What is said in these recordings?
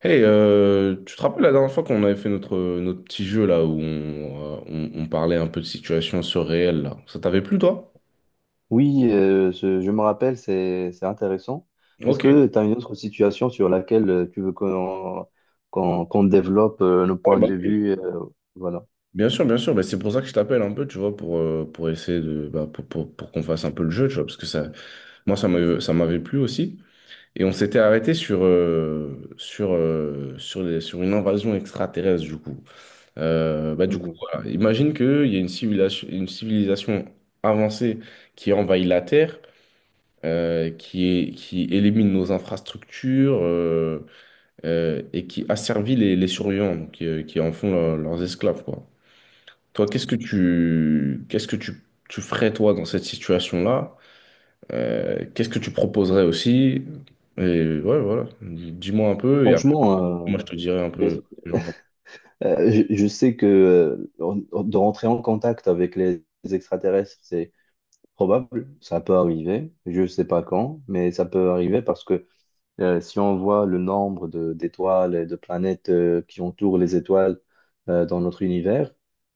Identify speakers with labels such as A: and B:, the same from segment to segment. A: Tu te rappelles la dernière fois qu'on avait fait notre petit jeu là où on, on parlait un peu de situation surréelle là. Ça t'avait plu toi?
B: Oui, je me rappelle, c'est intéressant. Est-ce
A: Ok.
B: que tu as une autre situation sur laquelle tu veux qu'on développe nos
A: Ouais,
B: points
A: bah
B: de
A: oui.
B: vue, voilà.
A: Bien sûr, bien sûr. Bah, c'est pour ça que je t'appelle un peu, tu vois, pour essayer de bah, pour qu'on fasse un peu le jeu, tu vois, parce que ça, moi ça m'avait plu aussi. Et on s'était arrêté sur une invasion extraterrestre du coup. Bah du coup,
B: Mhm.
A: voilà. Imagine qu'il y a une civilisation avancée qui envahit la Terre. Qui, qui élimine nos infrastructures et qui asservit les surveillants, donc, qui en font leurs esclaves, quoi. Toi, tu ferais, toi, dans cette situation-là? Qu'est-ce que tu proposerais aussi? Et ouais, voilà. Dis-moi un peu et après,
B: Franchement.
A: moi, je te dirai un peu
B: Vas-y.
A: ce que j'en pense.
B: Je sais que de rentrer en contact avec les extraterrestres, c'est probable, ça peut arriver. Je ne sais pas quand, mais ça peut arriver parce que si on voit le nombre d'étoiles et de planètes qui entourent les étoiles dans notre univers,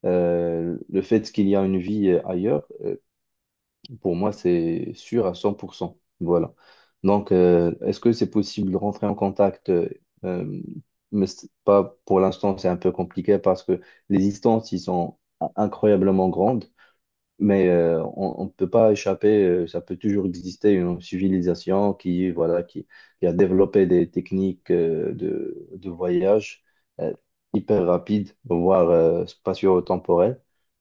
B: le fait qu'il y a une vie ailleurs, pour moi, c'est sûr à 100%. Voilà. Donc, est-ce que c'est possible de rentrer en contact, euh, mais c'est pas pour l'instant, c'est un peu compliqué parce que les distances, ils sont incroyablement grandes. Mais on ne peut pas échapper, ça peut toujours exister une civilisation qui, voilà, qui a développé des techniques de voyage, euh, hyper rapides, voire spatio-temporelles.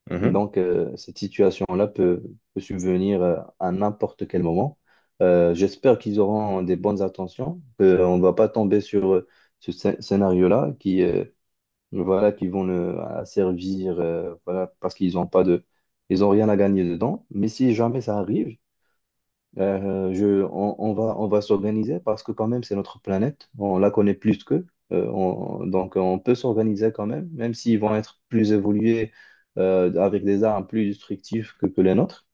A: Mhm.
B: Donc, cette situation-là peut subvenir à n'importe quel moment. J'espère qu'ils auront des bonnes intentions, qu'on ne va pas tomber sur ce scénario-là qui, voilà, qui vont le, à servir, voilà, parce qu'ils n'ont pas de, ils ont rien à gagner dedans. Mais si jamais ça arrive, on, on va s'organiser parce que quand même c'est notre planète, on la connaît plus qu'eux. Donc on peut s'organiser quand même, même s'ils vont être plus évolués, avec des armes plus destructives que les nôtres.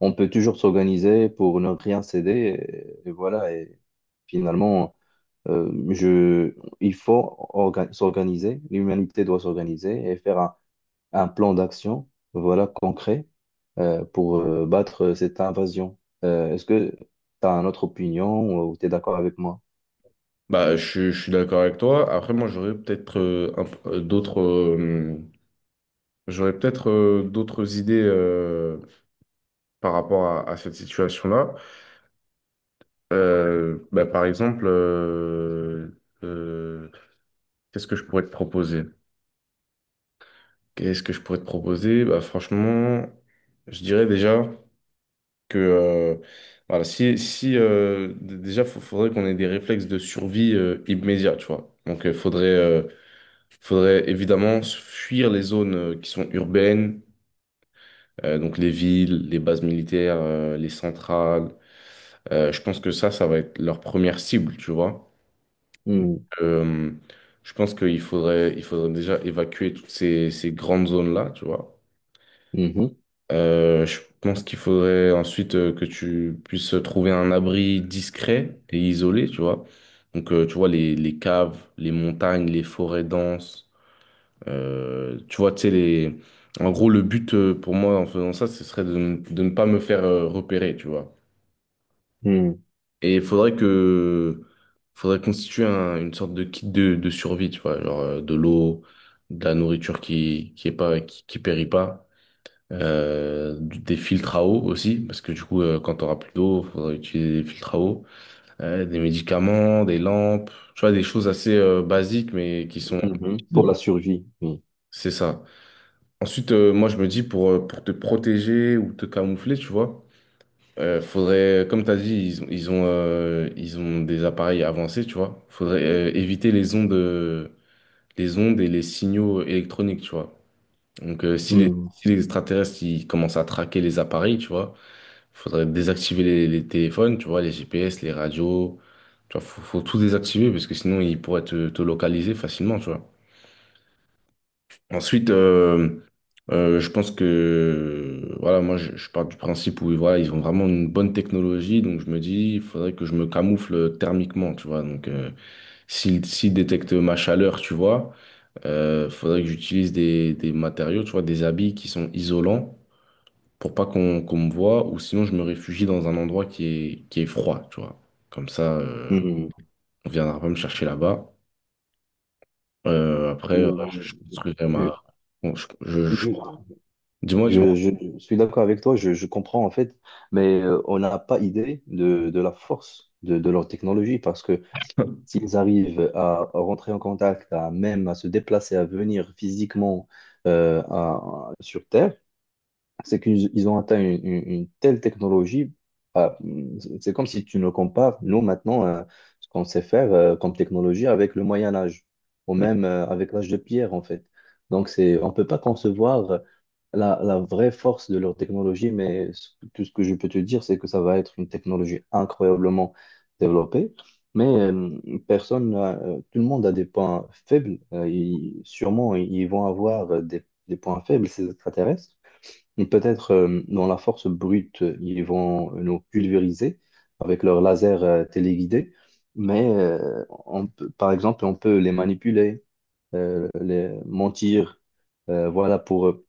B: On peut toujours s'organiser pour ne rien céder, et voilà. Et finalement. Euh, je, il faut s'organiser, l'humanité doit s'organiser et faire un plan d'action, voilà, concret, pour battre cette invasion. Est-ce que tu as une autre opinion ou tu es d'accord avec moi?
A: Bah, je suis d'accord avec toi. Après, moi, j'aurais peut-être un p- d'autres j'aurais peut-être d'autres idées par rapport à cette situation-là. Par exemple, euh, qu'est-ce que je pourrais te proposer? Qu'est-ce que je pourrais te proposer? Bah, franchement, je dirais déjà que voilà, si déjà, il faudrait qu'on ait des réflexes de survie immédiats, tu vois. Donc, faudrait évidemment fuir les zones qui sont urbaines, donc les villes, les bases militaires, les centrales. Je pense que ça va être leur première cible, tu vois.
B: Hmm,
A: Euh, je pense il faudrait déjà évacuer toutes ces grandes zones-là, tu vois.
B: mhm,
A: Je pense qu'il faudrait ensuite que tu puisses trouver un abri discret et isolé, tu vois. Donc, tu vois, les caves, les montagnes, les forêts denses, tu vois, tu sais, les... En gros, le but pour moi en faisant ça, ce serait de ne pas me faire repérer, tu vois.
B: hmm,
A: Et faudrait constituer une sorte de kit de survie, tu vois, genre de l'eau, de la nourriture qui périt pas, des filtres à eau aussi, parce que du coup, quand t'auras plus d'eau, faudra utiliser des filtres à eau, des médicaments, des lampes, tu vois, des choses assez basiques, mais qui sont
B: mhm. Pour la
A: utiles.
B: survie. Oui.
A: C'est ça. Ensuite, moi, je me dis pour te protéger ou te camoufler, tu vois, faudrait, comme tu as dit, ils ont des appareils avancés, tu vois. Faudrait éviter les ondes et les signaux électroniques, tu vois. Donc,
B: Hmm,
A: si les extraterrestres ils commencent à traquer les appareils, tu vois, faudrait désactiver les téléphones, tu vois, les GPS, les radios. Tu vois, faut tout désactiver parce que sinon ils pourraient te localiser facilement, tu vois. Ensuite, je pense que voilà, je pars du principe où voilà, ils ont vraiment une bonne technologie, donc je me dis, il faudrait que je me camoufle thermiquement, tu vois. Donc s'ils détectent ma chaleur, tu vois, faudrait que j'utilise des matériaux, tu vois, des habits qui sont isolants pour pas qu'on me voit, ou sinon je me réfugie dans un endroit qui est froid, tu vois. Comme ça,
B: hmm.
A: on viendra pas me chercher là-bas. Après, je construirai ma.
B: Je,
A: Bon, je...
B: je,
A: Dis-moi,
B: je-
A: dis-moi.
B: je- je suis d'accord avec toi, je comprends en fait, mais on n'a pas idée de la force de leur technologie parce que s'ils arrivent à rentrer en contact, à même à se déplacer, à venir physiquement, sur Terre, c'est qu'ils ont atteint une telle technologie. Bah, c'est comme si tu nous compares, nous, maintenant, ce qu'on sait faire comme technologie avec le Moyen Âge, ou même avec l'âge de pierre, en fait. Donc, on ne peut pas concevoir la vraie force de leur technologie, mais tout ce que je peux te dire, c'est que ça va être une technologie incroyablement développée. Mais personne, n'a- tout le monde a des points faibles. Sûrement, ils vont avoir des points faibles, ces extraterrestres. Et peut-être dans la force brute, ils vont nous pulvériser avec leurs lasers, téléguidé, mais par exemple, on peut les manipuler, les mentir, euh, voilà, pour, euh,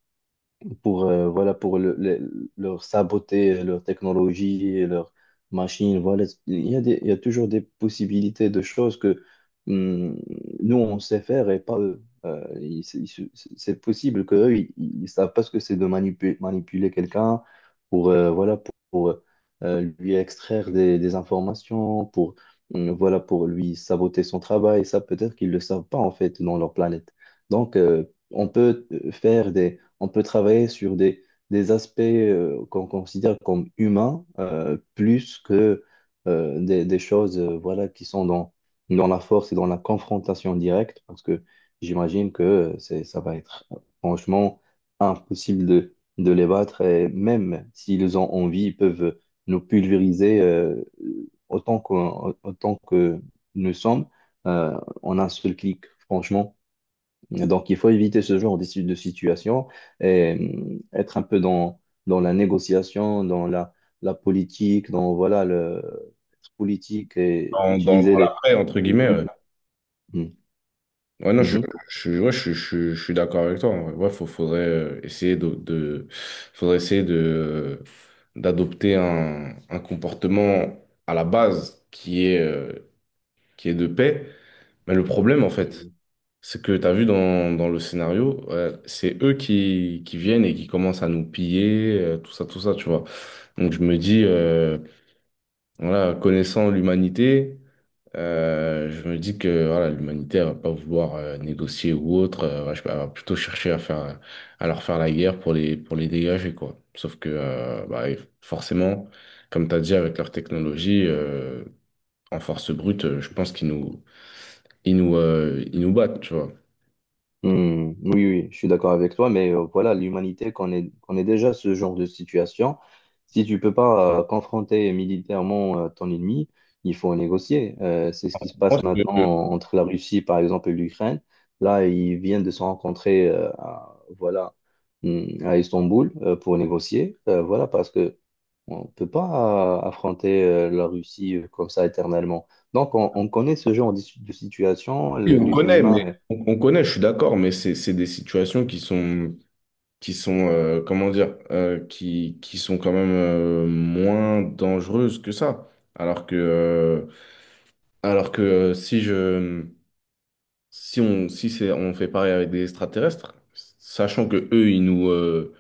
B: pour leur saboter leur technologie, et leur machine. Voilà. Il y a toujours des possibilités de choses que, hum, nous, on sait faire et pas eux. C'est possible qu'eux, ils ne savent pas ce que c'est de manipuler quelqu'un pour, voilà, lui extraire des informations, pour, voilà, pour lui saboter son travail. Ça, peut-être qu'ils ne le savent pas, en fait, dans leur planète. Donc, on peut euh, faire des, on peut travailler sur des aspects, qu'on considère comme humains, plus que des choses, voilà, qui sont dans, la force et dans la confrontation directe, parce que j'imagine que, ça va être franchement impossible de les battre, et même s'ils ont envie, ils peuvent nous pulvériser, autant que nous sommes, euh, en un seul clic, franchement. Donc, il faut éviter ce genre de si- de situation et, être un peu dans, la négociation, dans la politique, dans voilà, le être politique et utiliser
A: Dans
B: les.
A: l'après, entre guillemets. Ouais,
B: Mhm.
A: ouais, non, je, ouais, je suis d'accord avec toi. En vrai. Ouais, faudrait essayer faudrait essayer de, d'adopter un comportement à la base qui est de paix. Mais le problème, en fait,
B: Mhm.
A: c'est que tu as vu dans le scénario, ouais, c'est eux qui viennent et qui commencent à nous piller, tout ça, tu vois. Donc je me dis, voilà, connaissant l'humanité. Je me dis que voilà, l'humanité elle va pas vouloir négocier ou autre, elle va plutôt chercher à faire, à leur faire la guerre pour les dégager, quoi. Sauf que bah, forcément, comme tu as dit, avec leur technologie, en force brute, je pense qu'ils nous, ils nous, ils nous battent, tu vois.
B: Hmm, oui, oui, je suis d'accord avec toi, mais voilà, l'humanité connaît déjà ce genre de situation. Si tu peux pas confronter militairement ton ennemi, il faut négocier. C'est ce qui se
A: Je pense
B: passe
A: que,
B: maintenant entre la Russie, par exemple, et l'Ukraine. Là, ils viennent de se rencontrer, à Istanbul pour négocier. Voilà, parce que on peut pas affronter la Russie comme ça éternellement. Donc, on connaît ce genre de situation.
A: oui, on connaît, mais
B: L'humain.
A: on connaît, je suis d'accord, mais c'est des situations qui sont comment dire, qui sont quand même moins dangereuses que ça. Alors que, euh, alors que si on, si c'est, on fait pareil avec des extraterrestres, sachant que eux, ils nous, euh,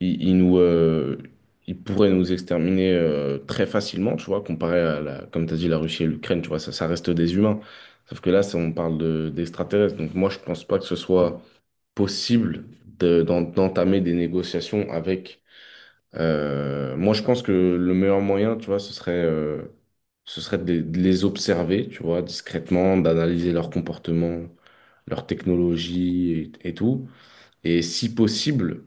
A: ils, ils nous, ils pourraient nous exterminer très facilement, tu vois, comparé à la, comme tu as dit, la Russie et l'Ukraine, tu vois, ça reste des humains. Sauf que là, ça, on parle d'extraterrestres. Donc moi, je pense pas que ce soit possible d'entamer des négociations avec euh, moi, je pense que le meilleur moyen, tu vois, ce serait de les observer, tu vois, discrètement, d'analyser leur comportement, leur technologie et tout. Et si possible,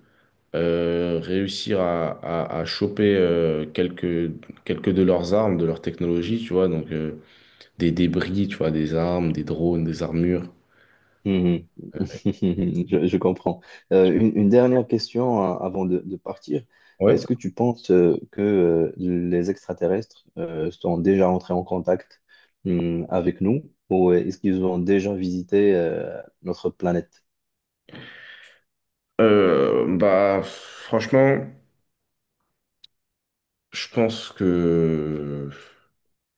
A: réussir à choper quelques de leurs armes, de leur technologie, tu vois, donc des débris, tu vois, des armes, des drones, des armures.
B: est- je comprends. Une dernière question, avant de partir.
A: Ouais.
B: Est-ce que tu penses que les extraterrestres sont déjà entrés en contact, avec nous ou est-ce qu'ils ont déjà visité notre planète?
A: Bah, franchement, je pense que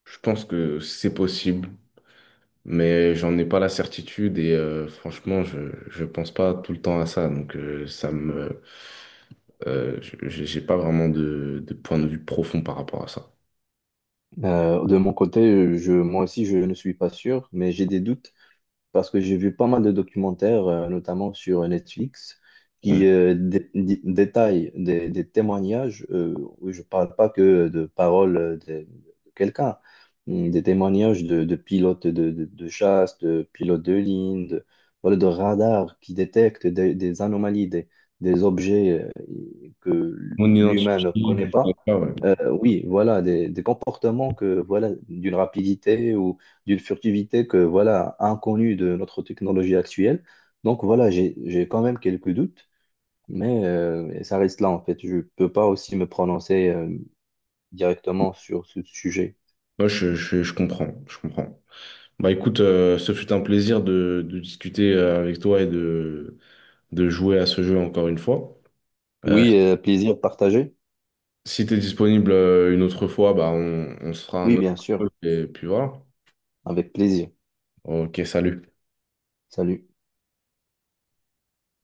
A: je pense que c'est possible. Mais j'en ai pas la certitude et franchement, je pense pas tout le temps à ça, donc ça me j'ai pas vraiment de point de vue profond par rapport à ça.
B: De mon côté, moi aussi, je ne suis pas sûr, mais j'ai des doutes parce que j'ai vu pas mal de documentaires, notamment sur Netflix,
A: Mm.
B: qui détaillent des témoignages. Où je parle pas que de paroles, de quelqu'un, des témoignages de pilotes de chasse, de pilotes de ligne, de radars qui détectent des anomalies, des objets, que
A: Mon
B: l'humain ne
A: identité,
B: connaît
A: je
B: pas.
A: sais pas, ouais.
B: Euh, oui, voilà, des comportements que, voilà, d'une rapidité ou d'une furtivité que voilà, inconnue de notre technologie actuelle. Donc voilà, j'ai quand même quelques doutes, mais ça reste là en fait. Je peux pas aussi me prononcer directement sur ce sujet.
A: Moi, je comprends, je comprends. Bah écoute, ce fut un plaisir de discuter avec toi et de jouer à ce jeu encore une fois. Euh,
B: Oui, plaisir partagé.
A: si tu es disponible une autre fois, bah on se fera un
B: Oui,
A: autre
B: bien sûr,
A: jeu et puis voilà.
B: avec plaisir.
A: Ok, salut.
B: Salut.